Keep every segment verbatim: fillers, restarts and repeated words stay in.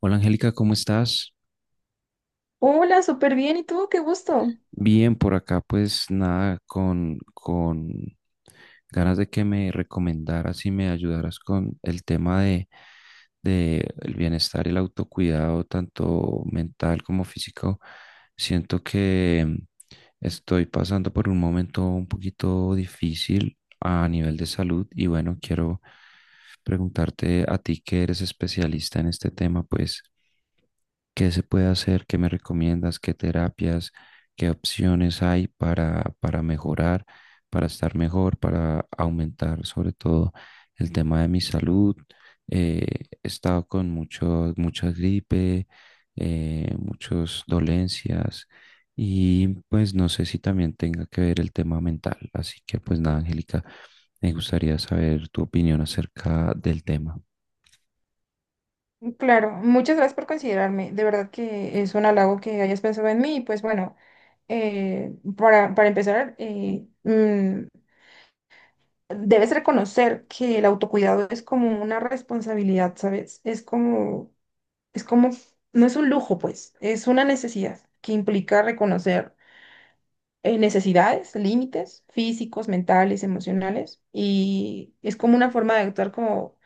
Hola, Angélica, ¿cómo estás? Hola, súper bien. ¿Y tú? Qué gusto. Bien, por acá pues nada, con, con ganas de que me recomendaras y me ayudaras con el tema de, de el bienestar y el autocuidado, tanto mental como físico. Siento que mm, estoy pasando por un momento un poquito difícil a nivel de salud y bueno, quiero preguntarte a ti que eres especialista en este tema, pues ¿qué se puede hacer? ¿Qué me recomiendas? ¿Qué terapias? ¿Qué opciones hay para, para mejorar, para estar mejor, para aumentar sobre todo el tema de mi salud? Eh, He estado con mucho, mucha gripe, eh, muchas dolencias y pues no sé si también tenga que ver el tema mental. Así que pues nada, Angélica, me gustaría saber tu opinión acerca del tema. Claro, muchas gracias por considerarme. De verdad que es un halago que hayas pensado en mí. Y pues bueno, eh, para, para empezar, eh, mm, debes reconocer que el autocuidado es como una responsabilidad, ¿sabes? Es como, es como, no es un lujo, pues, es una necesidad que implica reconocer eh, necesidades, límites físicos, mentales, emocionales. Y es como una forma de actuar como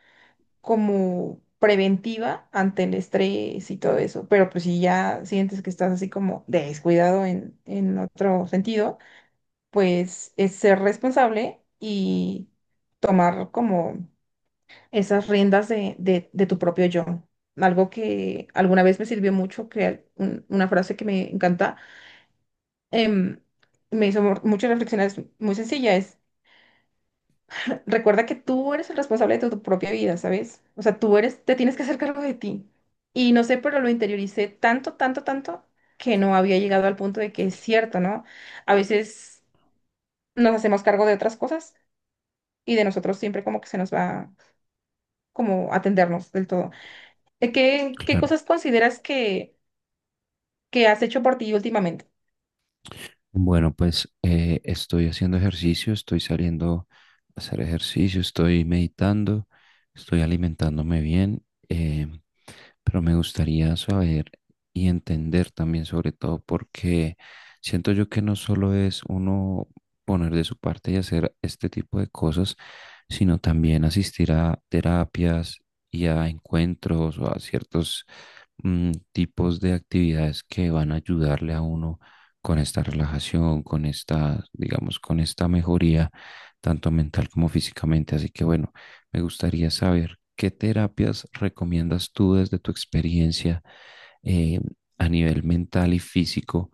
como preventiva ante el estrés y todo eso. Pero pues si ya sientes que estás así como descuidado en, en otro sentido, pues es ser responsable y tomar como esas riendas de, de- de tu propio yo. Algo que alguna vez me sirvió mucho, que al- un- una frase que me encanta, em, me hizo mu- mucho reflexionar, es muy sencilla, recuerda que tú eres el responsable de tu propia vida, ¿sabes? O sea, tú eres, te tienes que hacer cargo de ti. Y no sé, pero lo interioricé tanto, tanto, tanto que no había llegado al punto de que es cierto, ¿no? A veces nos hacemos cargo de otras cosas y de nosotros siempre como que se nos va como atendernos del todo. Eh, ¿Qué, qué Claro. cosas consideras que, que has hecho por ti últimamente? Bueno, pues eh, estoy haciendo ejercicio, estoy saliendo a hacer ejercicio, estoy meditando, estoy alimentándome bien, eh, pero me gustaría saber y entender también sobre todo porque siento yo que no solo es uno poner de su parte y hacer este tipo de cosas, sino también asistir a terapias y a encuentros o a ciertos mm, tipos de actividades que van a ayudarle a uno con esta relajación, con esta, digamos, con esta mejoría, tanto mental como físicamente. Así que bueno, me gustaría saber qué terapias recomiendas tú desde tu experiencia, eh, a nivel mental y físico,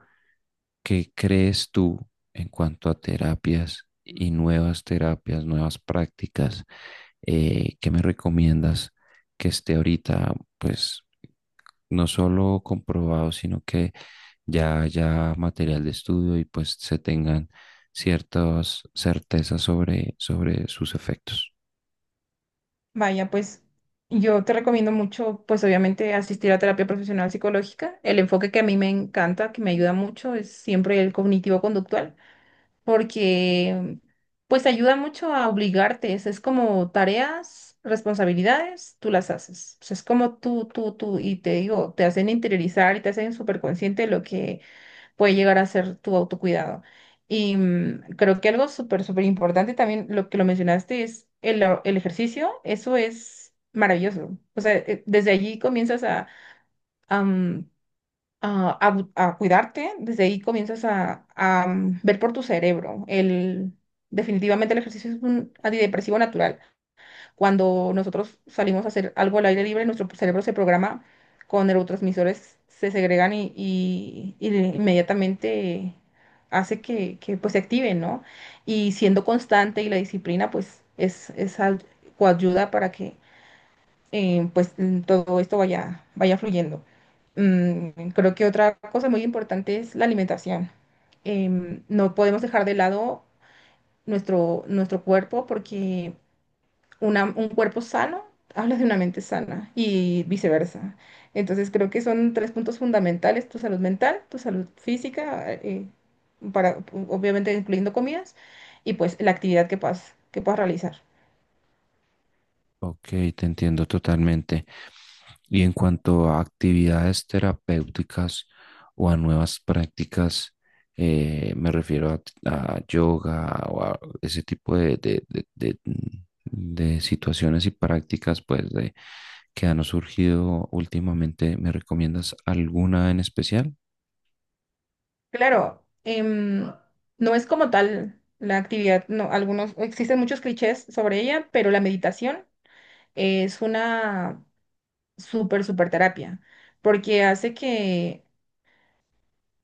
qué crees tú en cuanto a terapias y nuevas terapias, nuevas prácticas, eh, qué me recomiendas que esté ahorita, pues no solo comprobado, sino que ya haya material de estudio y pues se tengan ciertas certezas sobre, sobre sus efectos. Vaya, pues yo te recomiendo mucho, pues obviamente asistir a terapia profesional psicológica. El enfoque que a mí me encanta, que me ayuda mucho, es siempre el cognitivo-conductual, porque pues ayuda mucho a obligarte. Es, es como tareas, responsabilidades, tú las haces. O sea, es como tú, tú, tú, y te digo, te hacen interiorizar y te hacen súper consciente de lo que puede llegar a ser tu autocuidado. Y mm, creo que algo súper, súper importante también, lo que lo mencionaste, es el, a- el ejercicio. Eso es maravilloso. O sea, eh, desde allí comienzas a, a, mm, a- a bu- a cuidarte, desde ahí comienzas a, a, mm, ver por tu cerebro. El, definitivamente el ejercicio es un antidepresivo natural. Cuando nosotros salimos a hacer algo al aire libre, nuestro cerebro se programa con neurotransmisores, se segregan y, y- y inmediatamente hace que, que, pues, se activen, ¿no? Y siendo constante y la disciplina, pues es, es al- coayuda para que eh, pues mm, todo esto vaya, vaya fluyendo. Mm, creo que otra cosa muy importante es la alimentación. Em, no podemos dejar de lado nuestro, nuestro cuerpo porque una- un cuerpo sano, hablas de una mente sana y viceversa. Entonces creo que son tres puntos fundamentales, tu salud mental, tu salud física, eh, para, obviamente incluyendo comidas, y pues la actividad que puedas, que puedas realizar. Ok, te entiendo totalmente. Y en cuanto a actividades terapéuticas o a nuevas prácticas, eh, me refiero a, a yoga o a ese tipo de, de- de- de- mm, de situaciones y prácticas pues, de- que han surgido últimamente. ¿Me recomiendas alguna en especial? Claro, em, no es como tal la actividad, no, algunos, existen muchos clichés sobre ella, pero la meditación es una súper, súper terapia, porque hace que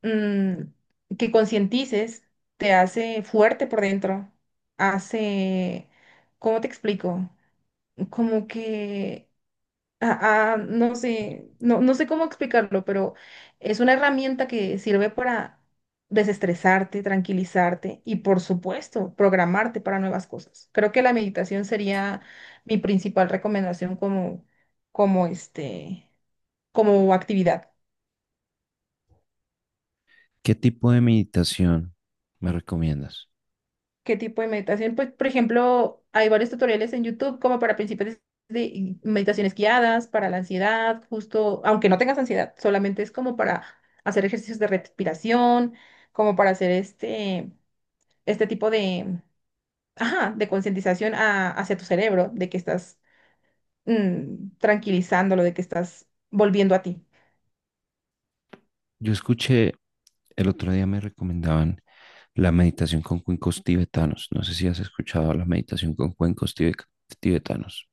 mm, que concientices, te hace fuerte por dentro, hace, ¿cómo te explico? Como que, ah, ah, no sé, no, no sé cómo explicarlo, pero es una herramienta que sirve para desestresarte, tranquilizarte y, por supuesto, programarte para nuevas cosas. Creo que la meditación sería mi principal recomendación como, como este, como actividad. ¿Qué tipo de meditación me recomiendas? Qué tipo de meditación. Pues, por ejemplo, hay varios tutoriales en YouTube como para principiantes de meditaciones guiadas, para la ansiedad, justo, aunque no tengas ansiedad, solamente es como para hacer ejercicios de respiración, como para hacer este, este tipo de, ajá, de concientización a- hacia tu cerebro, de que estás mm, tranquilizándolo, de que estás volviendo a ti. Yo escuché, el otro día me recomendaban la meditación con cuencos tibetanos. No sé si has escuchado la meditación con cuencos tibe- tibetanos.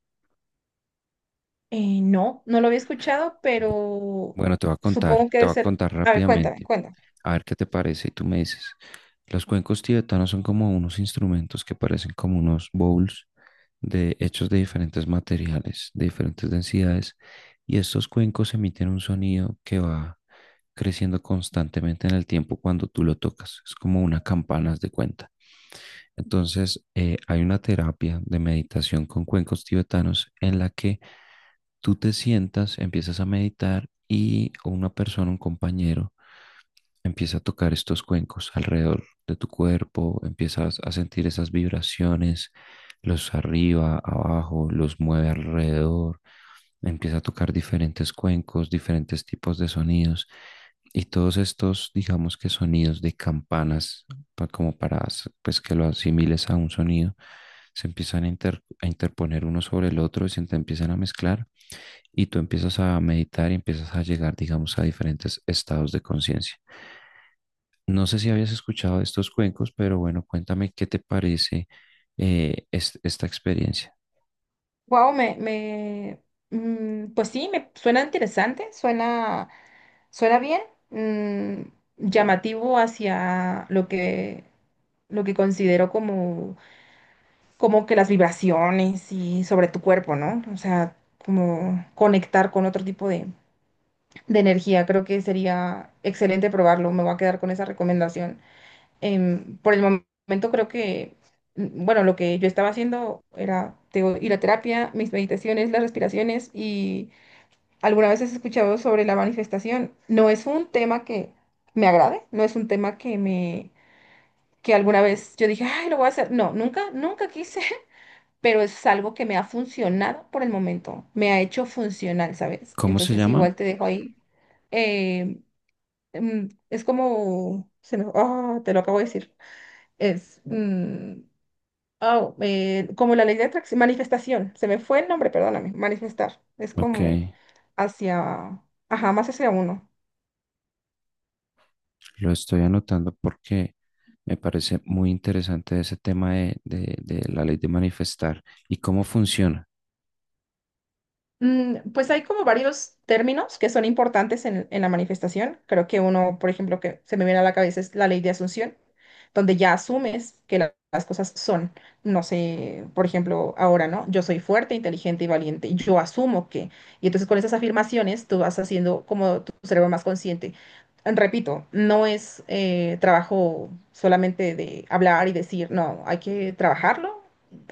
Eh, no, no lo había escuchado, Bu- pero Bueno, te voy a contar, supongo que te debe voy a ser... contar A ver, cuéntame, rápidamente. cuéntame. A ver qué te parece y tú me dices. Los cuencos tibetanos son como unos instrumentos que parecen como unos bowls de, hechos de diferentes materiales, de diferentes densidades, y estos cuencos emiten un sonido que va creciendo constantemente en el tiempo cuando tú lo tocas. Es como una campana, haz de cuenta. Entonces, eh, hay una terapia de meditación con cuencos tibetanos en la que tú te sientas, empiezas a meditar y una persona, un compañero, empieza a tocar estos cuencos alrededor de tu cuerpo, empiezas a sentir esas vibraciones, los arriba, abajo, los mueve alrededor, empieza a tocar diferentes cuencos, diferentes tipos de sonidos y todos estos, digamos que sonidos de campanas, pa- como para pues, que lo asimiles a un sonido, se empiezan a, inter- a interponer uno sobre el otro y se te empiezan a mezclar y tú empiezas a meditar y empiezas a llegar, digamos, a diferentes estados de conciencia. No sé si habías escuchado de estos cuencos, pero bueno, cuéntame qué te parece eh, es- esta experiencia. Wow, me, me, mm, pues sí, me suena interesante, suena, suena bien, mm, llamativo hacia lo que, lo que considero como, como que las vibraciones y sobre tu cuerpo, ¿no? O sea, como conectar con otro tipo de, de energía. Creo que sería excelente probarlo. Me voy a quedar con esa recomendación. Em, por el momento creo que, mm, bueno, lo que yo estaba haciendo era, te digo, ir a terapia, mis meditaciones, las respiraciones y alguna vez has escuchado sobre la manifestación. No es un tema que me agrade, no es un tema que me, que alguna vez yo dije, ay, lo voy a hacer. No, nunca, nunca quise, pero es algo que me ha funcionado por el momento, me ha hecho funcional, ¿sabes? ¿Cómo se Entonces llama? igual te dejo ahí. eh, mm, es como, se me- ah, te lo acabo de decir. Es mm, oh, eh, como la ley de atracción, manifestación. Se me fue el nombre, perdóname. Manifestar. Es Ok, como hacia, ajá, más hacia uno. lo estoy anotando porque me parece muy interesante ese tema de, de- de la ley de manifestar y cómo funciona. Mm, Pues hay como varios términos que son importantes en, en la manifestación. Creo que uno, por ejemplo, que se me viene a la cabeza es la ley de asunción, donde ya asumes que la- las cosas son, no sé, por ejemplo, ahora, ¿no? Yo soy fuerte, inteligente y valiente, y yo asumo que. Y entonces con esas afirmaciones tú vas haciendo como tu cerebro más consciente. Repito, no es eh, trabajo solamente de hablar y decir, no, hay que trabajarlo,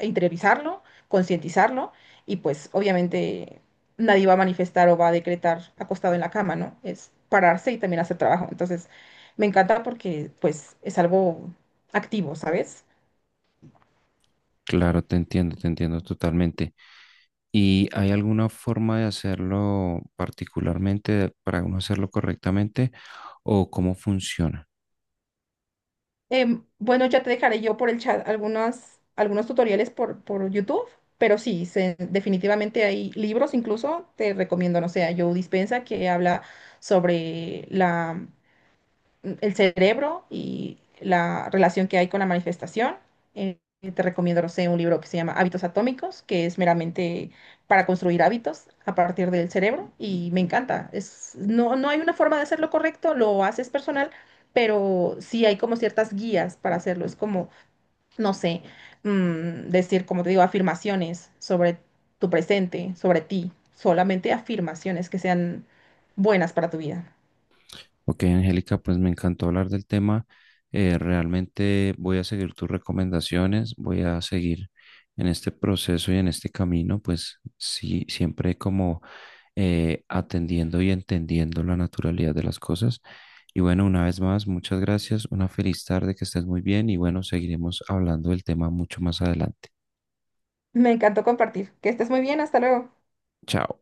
interiorizarlo, concientizarlo. Y pues obviamente nadie va a manifestar o va a decretar acostado en la cama, ¿no? Es pararse y también hacer trabajo. Entonces, me encanta porque, pues, es algo activo, ¿sabes? Claro, te entiendo, te entiendo totalmente. ¿Y hay alguna forma de hacerlo particularmente para uno hacerlo correctamente o cómo funciona? Em, bueno, ya te dejaré yo por el chat algunas, algunos tutoriales por, por YouTube, pero sí, se- definitivamente hay libros, incluso te recomiendo, no sé, a Joe Dispenza que habla sobre la el cerebro y la relación que hay con la manifestación. Eh, Te recomiendo, no sé, un libro que se llama Hábitos Atómicos, que es meramente para construir hábitos a partir del cerebro y me encanta. Es, no, no hay una forma de hacerlo correcto, lo haces personal, pero sí hay como ciertas guías para hacerlo. Es como, no sé, mm, decir, como te digo, afirmaciones sobre tu presente, sobre ti, solamente afirmaciones que sean buenas para tu vida. Ok, Angélica, pues me encantó hablar del tema. Eh, realmente voy a seguir tus recomendaciones, voy a seguir en este proceso y en este camino, pues sí, siempre como eh, atendiendo y entendiendo la naturalidad de las cosas. Y bueno, una vez más, muchas gracias, una feliz tarde, que estés muy bien y bueno, seguiremos hablando del tema mucho más adelante. Me encantó compartir. Que estés muy bien, hasta luego. Chao.